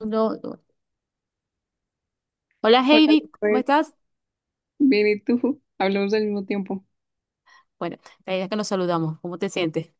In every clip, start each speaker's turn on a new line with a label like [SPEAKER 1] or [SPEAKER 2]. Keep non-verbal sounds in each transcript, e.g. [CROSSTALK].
[SPEAKER 1] No, no. Hola
[SPEAKER 2] Hola,
[SPEAKER 1] Heidi, ¿cómo
[SPEAKER 2] Elizabeth.
[SPEAKER 1] estás?
[SPEAKER 2] Bien, ¿y tú? Hablamos al mismo tiempo.
[SPEAKER 1] Bueno, la idea es que nos saludamos. ¿Cómo te sientes?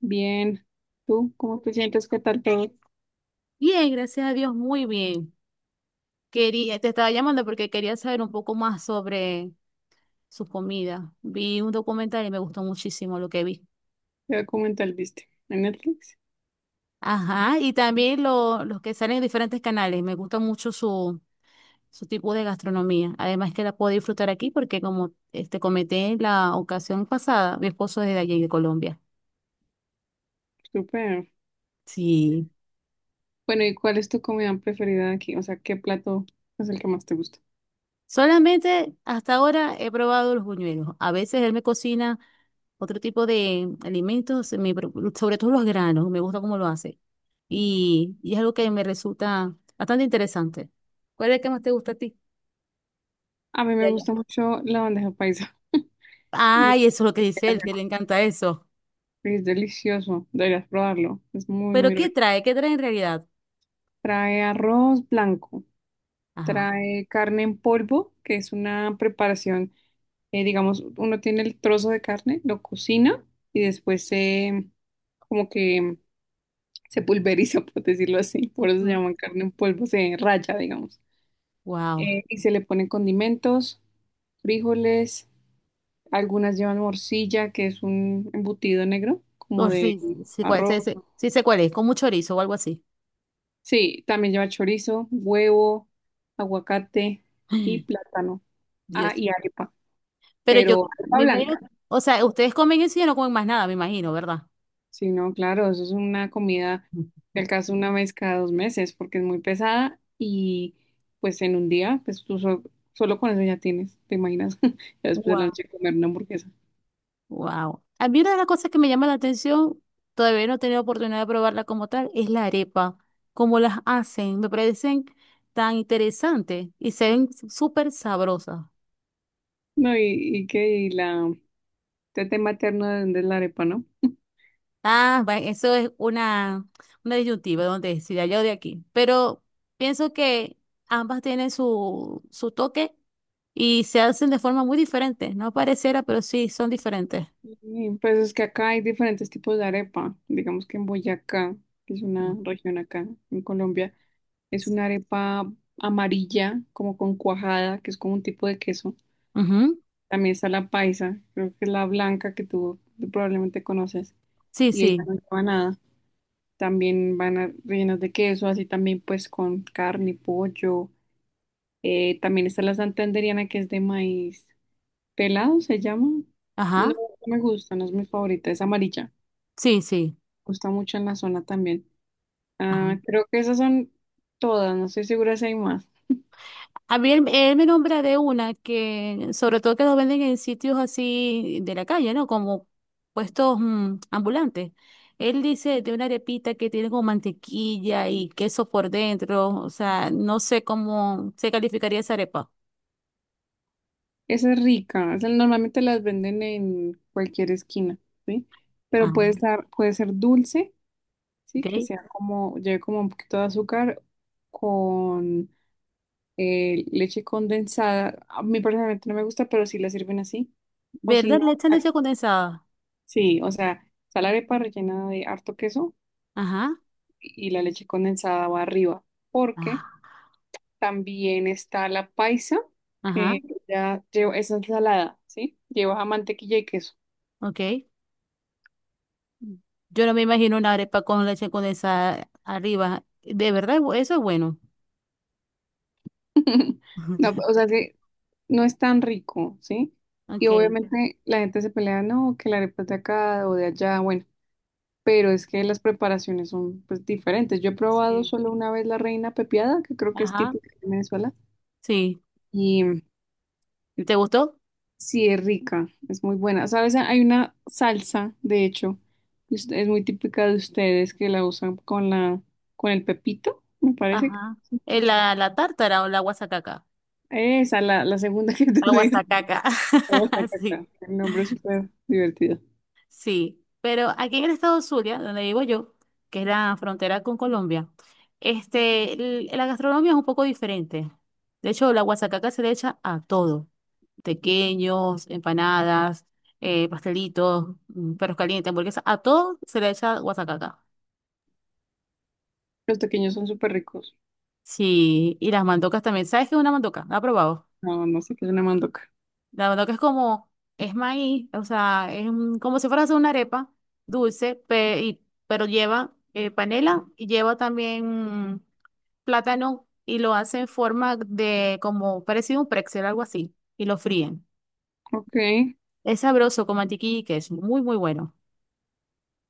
[SPEAKER 2] Bien, ¿tú cómo te sientes? ¿Qué tal todo?
[SPEAKER 1] Bien, gracias a Dios, muy bien. Quería, te estaba llamando porque quería saber un poco más sobre su comida. Vi un documental y me gustó muchísimo lo que vi.
[SPEAKER 2] ¿Qué documental viste? ¿En Netflix?
[SPEAKER 1] Ajá, y también los que salen en diferentes canales. Me gusta mucho su tipo de gastronomía. Además que la puedo disfrutar aquí porque como este, comenté en la ocasión pasada, mi esposo es de allí, de Colombia.
[SPEAKER 2] Súper.
[SPEAKER 1] Sí.
[SPEAKER 2] Bueno, ¿y cuál es tu comida preferida de aquí? O sea, ¿qué plato es el que más te gusta?
[SPEAKER 1] Solamente hasta ahora he probado los buñuelos. A veces él me cocina otro tipo de alimentos, sobre todo los granos, me gusta cómo lo hace. Y es algo que me resulta bastante interesante. ¿Cuál es el que más te gusta a ti
[SPEAKER 2] A mí
[SPEAKER 1] de
[SPEAKER 2] me
[SPEAKER 1] allá?
[SPEAKER 2] gusta mucho la bandeja paisa.
[SPEAKER 1] Ay, eso es lo que dice él, que le
[SPEAKER 2] [LAUGHS]
[SPEAKER 1] encanta eso.
[SPEAKER 2] Y es delicioso, deberías probarlo. Es muy,
[SPEAKER 1] Pero
[SPEAKER 2] muy
[SPEAKER 1] ¿qué
[SPEAKER 2] rico.
[SPEAKER 1] trae? ¿Qué trae en realidad?
[SPEAKER 2] Trae arroz blanco,
[SPEAKER 1] Ajá.
[SPEAKER 2] trae carne en polvo, que es una preparación. Digamos, uno tiene el trozo de carne, lo cocina y después se, como que se pulveriza, [LAUGHS] por decirlo así, por eso se llama carne en polvo, se raya, digamos.
[SPEAKER 1] Wow.
[SPEAKER 2] Y se le ponen condimentos, frijoles, algunas llevan morcilla, que es un embutido negro, como de
[SPEAKER 1] Sí, sí,
[SPEAKER 2] arroz.
[SPEAKER 1] sí, sí, sí sé cuál es, con mucho chorizo o algo así.
[SPEAKER 2] Sí, también lleva chorizo, huevo, aguacate y
[SPEAKER 1] [GASPS]
[SPEAKER 2] plátano.
[SPEAKER 1] [SIGHS]
[SPEAKER 2] Ah,
[SPEAKER 1] Dios.
[SPEAKER 2] y arepa,
[SPEAKER 1] Pero yo
[SPEAKER 2] pero arepa
[SPEAKER 1] me imagino,
[SPEAKER 2] blanca.
[SPEAKER 1] o sea, ustedes comen eso y ya no comen más nada, me imagino, ¿verdad?
[SPEAKER 2] Sí, no, claro, eso es una comida que alcanza una vez cada dos meses porque es muy pesada y pues en un día, pues solo con eso ya tienes, ¿te imaginas? [LAUGHS] Ya después de la
[SPEAKER 1] Wow,
[SPEAKER 2] noche comer una hamburguesa.
[SPEAKER 1] wow. A mí una de las cosas que me llama la atención, todavía no he tenido oportunidad de probarla como tal, es la arepa, cómo las hacen. Me parecen tan interesantes y se ven súper sabrosas.
[SPEAKER 2] No, y la tete materna de dónde es la arepa, ¿no?
[SPEAKER 1] Ah, eso es una disyuntiva donde si de allá o de aquí. Pero pienso que ambas tienen su, su toque y se hacen de forma muy diferente. No pareciera, pero sí son diferentes.
[SPEAKER 2] Pues es que acá hay diferentes tipos de arepa. Digamos que en Boyacá, que es una región acá en Colombia, es una arepa amarilla, como con cuajada, que es como un tipo de queso.
[SPEAKER 1] Ujú.
[SPEAKER 2] También está la paisa, creo que es la blanca que tú probablemente conoces.
[SPEAKER 1] Sí,
[SPEAKER 2] Y ella
[SPEAKER 1] sí.
[SPEAKER 2] no lleva nada. Rellenas de queso, así también pues con carne, pollo. También está la santanderiana que es de maíz pelado, se llama.
[SPEAKER 1] Ajá.
[SPEAKER 2] No, no me gusta, no es mi favorita, es amarilla.
[SPEAKER 1] Sí, sí.
[SPEAKER 2] Gusta mucho en la zona también. Ah, creo que esas son todas, no estoy segura si hay más.
[SPEAKER 1] A mí él, él me nombra de una que, sobre todo que lo venden en sitios así de la calle, ¿no? Como puestos ambulantes. Él dice de una arepita que tiene como mantequilla y queso por dentro. O sea, no sé cómo se calificaría esa arepa.
[SPEAKER 2] Esa es rica, esa normalmente las venden en cualquier esquina, ¿sí?
[SPEAKER 1] Ah,
[SPEAKER 2] Pero puede estar, puede ser dulce. Sí, que
[SPEAKER 1] ok.
[SPEAKER 2] sea como, lleve como un poquito de azúcar con leche condensada. A mí personalmente no me gusta, pero sí la sirven así. O si
[SPEAKER 1] ¿Verdad?
[SPEAKER 2] no,
[SPEAKER 1] Le echan
[SPEAKER 2] ah,
[SPEAKER 1] leche condensada.
[SPEAKER 2] sí, o sea, está la arepa rellena de harto queso
[SPEAKER 1] Ajá.
[SPEAKER 2] y la leche condensada va arriba. Porque
[SPEAKER 1] Ah,
[SPEAKER 2] también está la paisa,
[SPEAKER 1] ajá.
[SPEAKER 2] que ya lleva, es ensalada, ¿sí? Lleva mantequilla y queso.
[SPEAKER 1] Ok. Yo no me imagino una arepa con leche condensada arriba. De verdad, eso es bueno.
[SPEAKER 2] [LAUGHS] No,
[SPEAKER 1] [LAUGHS]
[SPEAKER 2] pues, o sea que no es tan rico, ¿sí? Y
[SPEAKER 1] Ok.
[SPEAKER 2] obviamente la gente se pelea, no, que la arepa es de acá o de allá, bueno, pero es que las preparaciones son pues diferentes. Yo he probado
[SPEAKER 1] Sí.
[SPEAKER 2] solo una vez la reina pepiada, que creo que es
[SPEAKER 1] Ajá.
[SPEAKER 2] típica de Venezuela,
[SPEAKER 1] Sí.
[SPEAKER 2] y
[SPEAKER 1] ¿Te gustó?
[SPEAKER 2] sí es rica, es muy buena. ¿Sabes? Hay una salsa, de hecho, que es muy típica de ustedes que la usan con la con el pepito, me parece.
[SPEAKER 1] Ajá. Es la, la tártara o la guasacaca.
[SPEAKER 2] Esa, la segunda [LAUGHS] que tú
[SPEAKER 1] La
[SPEAKER 2] dices.
[SPEAKER 1] guasacaca.
[SPEAKER 2] Me gusta
[SPEAKER 1] [LAUGHS]
[SPEAKER 2] caca.
[SPEAKER 1] Sí,
[SPEAKER 2] El nombre es súper divertido.
[SPEAKER 1] sí. Pero aquí en el estado Zulia, donde vivo yo, que es la frontera con Colombia, este, la gastronomía es un poco diferente. De hecho, la guasacaca se le echa a todo. Tequeños, empanadas, pastelitos, perros calientes, hamburguesas, a todo se le echa guasacaca.
[SPEAKER 2] Los pequeños son súper ricos.
[SPEAKER 1] Sí, y las mandocas también. ¿Sabes qué es una mandoca? ¿La has probado?
[SPEAKER 2] No, no sé qué es una mandoca.
[SPEAKER 1] La verdad que es como, es maíz, o sea, es un- como si fuera a hacer una arepa dulce, y- pero lleva panela y lleva también plátano y lo hace en forma de como parecido a un pretzel, algo así, y lo fríen.
[SPEAKER 2] Ok.
[SPEAKER 1] Es sabroso con mantequilla y queso, muy, muy bueno.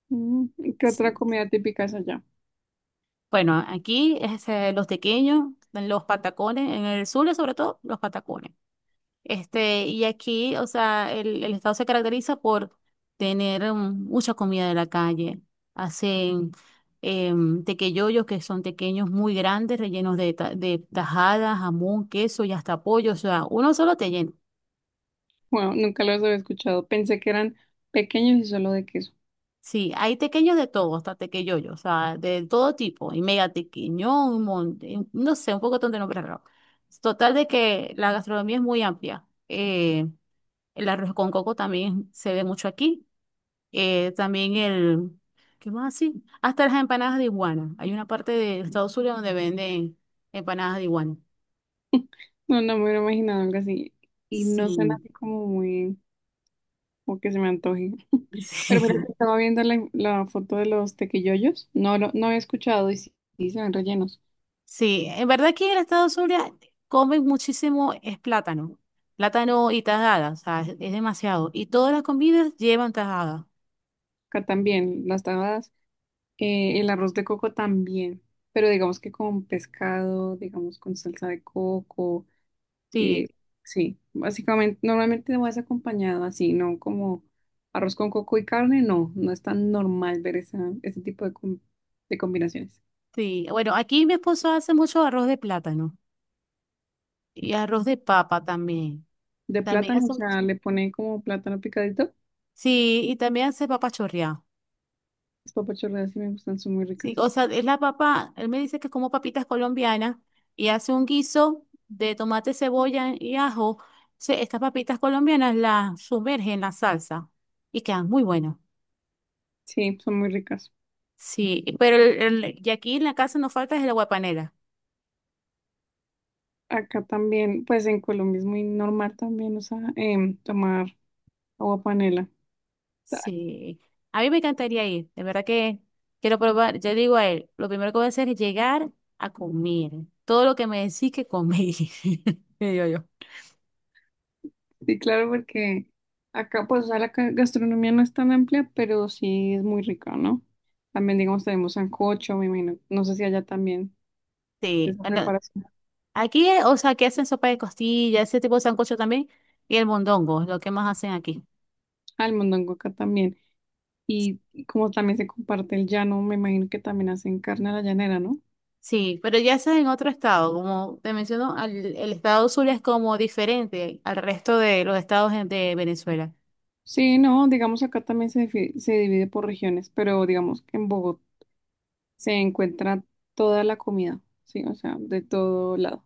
[SPEAKER 2] Mm, ¿Qué otra
[SPEAKER 1] Sí.
[SPEAKER 2] comida típica es allá?
[SPEAKER 1] Bueno, aquí este, los tequeños, los patacones, en el sur sobre todo, los patacones. Este, y aquí, o sea, el estado se caracteriza por tener mucha comida de la calle. Hacen tequeyoyos, que son tequeños muy grandes, rellenos de, de tajada, jamón, queso y hasta pollo. O sea, uno solo te llena.
[SPEAKER 2] Bueno, nunca los había escuchado. Pensé que eran pequeños y solo de queso.
[SPEAKER 1] Sí, hay tequeños de todo, hasta tequeyoyos, o sea, de todo tipo. Y mega tequeño, un montón, no sé, un poco de nombres raros. Total de que la gastronomía es muy amplia. El arroz con coco también se ve mucho aquí también ¿qué más así? Hasta las empanadas de iguana. Hay una parte de Estados Unidos donde venden empanadas de iguana.
[SPEAKER 2] No, no me hubiera imaginado algo así. Y no suena
[SPEAKER 1] Sí,
[SPEAKER 2] así como muy, como que se me antoje.
[SPEAKER 1] [LAUGHS]
[SPEAKER 2] Pero mira
[SPEAKER 1] sí,
[SPEAKER 2] que estaba viendo la, la foto de los tequillollos. No, no había escuchado y sí, sí se ven rellenos.
[SPEAKER 1] sí. En verdad que en Estados Unidos comen muchísimo es plátano, plátano y tajada, o sea, es demasiado. Y todas las comidas llevan tajada.
[SPEAKER 2] Acá también, las tajadas. El arroz de coco también, pero digamos que con pescado, digamos con salsa de coco, eh,
[SPEAKER 1] Sí,
[SPEAKER 2] sí, básicamente, normalmente no es acompañado así, ¿no? Como arroz con coco y carne, no, no es tan normal ver esa, ese tipo de, de combinaciones.
[SPEAKER 1] sí. Bueno, aquí mi esposo hace mucho arroz de plátano y arroz de papa también.
[SPEAKER 2] De
[SPEAKER 1] También
[SPEAKER 2] plátano,
[SPEAKER 1] hace
[SPEAKER 2] o sea,
[SPEAKER 1] mucho.
[SPEAKER 2] le ponen como plátano picadito,
[SPEAKER 1] Sí, y también hace papa chorreada.
[SPEAKER 2] las papas chorreadas sí me gustan, son muy ricas.
[SPEAKER 1] Sí, o sea, es la papa, él me dice que es como papitas colombianas y hace un guiso de tomate, cebolla y ajo. Estas papitas colombianas las sumerge en la salsa y quedan muy buenas.
[SPEAKER 2] Sí, son muy ricas.
[SPEAKER 1] Sí, pero y aquí en la casa no falta es el aguapanela.
[SPEAKER 2] Acá también, pues en Colombia es muy normal también, o sea, tomar agua panela.
[SPEAKER 1] Sí, a mí me encantaría ir, de verdad que quiero probar. Yo digo a él, lo primero que voy a hacer es llegar a comer todo lo que me decís que comí. [LAUGHS] Digo yo.
[SPEAKER 2] Sí, claro, porque acá pues o sea, gastronomía no es tan amplia, pero sí es muy rica, ¿no? También digamos tenemos sancocho, me imagino, no sé si allá también de
[SPEAKER 1] Sí.
[SPEAKER 2] esa preparación prepara
[SPEAKER 1] Aquí, o sea, que hacen sopa de costilla, ese tipo de sancocho también, y el mondongo, es lo que más hacen aquí.
[SPEAKER 2] al mondongo acá también. Y como también se comparte el llano, me imagino que también hacen carne a la llanera, ¿no?
[SPEAKER 1] Sí, pero ya eso es en otro estado, como te menciono, el estado Zulia es como diferente al resto de los estados de Venezuela.
[SPEAKER 2] Sí, no, digamos acá también se, se divide por regiones, pero digamos que en Bogotá se encuentra toda la comida, sí, o sea, de todo lado.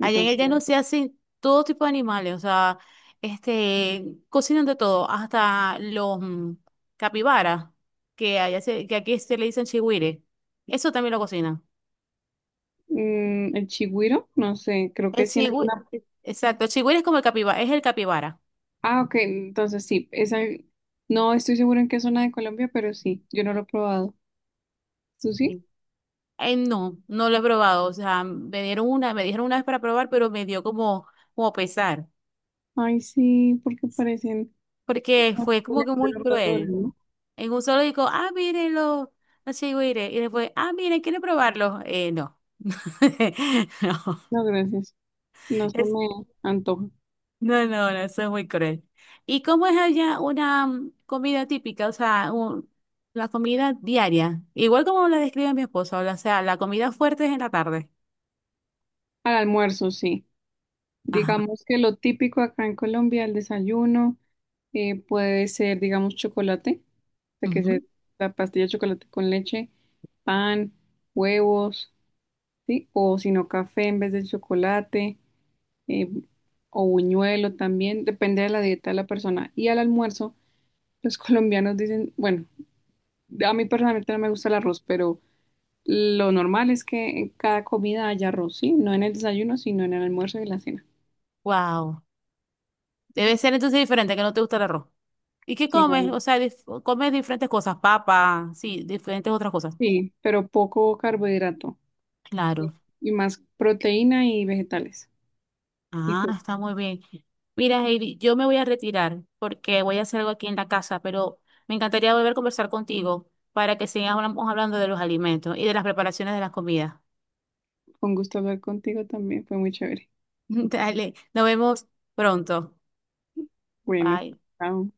[SPEAKER 1] Allá en el llano se hacen todo tipo de animales, o sea, este, cocinan de todo, hasta los capibaras, que allá que aquí se le dicen chigüire, eso también lo cocinan.
[SPEAKER 2] mm, el chigüiro, no sé, creo
[SPEAKER 1] El
[SPEAKER 2] que sí en
[SPEAKER 1] chigüire,
[SPEAKER 2] alguna.
[SPEAKER 1] exacto, el chigüire es como el capibara, es el capibara.
[SPEAKER 2] Ah, ok, entonces sí, esa, no estoy seguro en qué zona de Colombia, pero sí, yo no lo he probado. ¿Tú sí?
[SPEAKER 1] No, no lo he probado. O sea, me dieron una, me dijeron una vez para probar, pero me dio como, como pesar.
[SPEAKER 2] Ay, sí, porque parecen
[SPEAKER 1] Porque fue como que
[SPEAKER 2] de
[SPEAKER 1] muy
[SPEAKER 2] los roedores,
[SPEAKER 1] cruel.
[SPEAKER 2] ¿no?
[SPEAKER 1] En un solo dijo, ah, mírenlo, así güire. Y después, ah, miren, ¿quieren probarlo? No. [LAUGHS] No,
[SPEAKER 2] No, gracias. No se
[SPEAKER 1] es,
[SPEAKER 2] me antoja.
[SPEAKER 1] no, no, no, eso es muy cruel. ¿Y cómo es allá una comida típica? O sea, la comida diaria. Igual como la describe mi esposa, o sea, la comida fuerte es en la tarde.
[SPEAKER 2] Al almuerzo, sí.
[SPEAKER 1] Ajá.
[SPEAKER 2] Digamos que lo típico acá en Colombia, el desayuno, puede ser, digamos, chocolate, o sea, que se la pastilla de chocolate con leche, pan, huevos, ¿sí? O si no, café en vez de chocolate. eh, o buñuelo también, depende de la dieta de la persona. Y al almuerzo, los [LAUGHS] colombianos dicen, bueno, a mí personalmente no me gusta el arroz, pero lo normal es que en cada comida haya arroz, ¿sí? No en el desayuno, sino en el almuerzo y la cena.
[SPEAKER 1] Wow. Debe ser entonces diferente, que no te gusta el arroz. ¿Y qué
[SPEAKER 2] Sí, no,
[SPEAKER 1] comes?
[SPEAKER 2] no.
[SPEAKER 1] O sea, comes diferentes cosas, papa, sí, diferentes otras cosas.
[SPEAKER 2] Sí, pero poco carbohidrato y
[SPEAKER 1] Claro.
[SPEAKER 2] más proteína y vegetales. Y
[SPEAKER 1] Ah,
[SPEAKER 2] tú,
[SPEAKER 1] está muy bien. Mira, Heidi, yo me voy a retirar porque voy a hacer algo aquí en la casa, pero me encantaría volver a conversar contigo para que sigamos hablando de los alimentos y de las preparaciones de las comidas.
[SPEAKER 2] con gusto hablar contigo también, fue muy chévere.
[SPEAKER 1] [LAUGHS] Dale, nos vemos pronto.
[SPEAKER 2] Bueno,
[SPEAKER 1] Bye.
[SPEAKER 2] chao.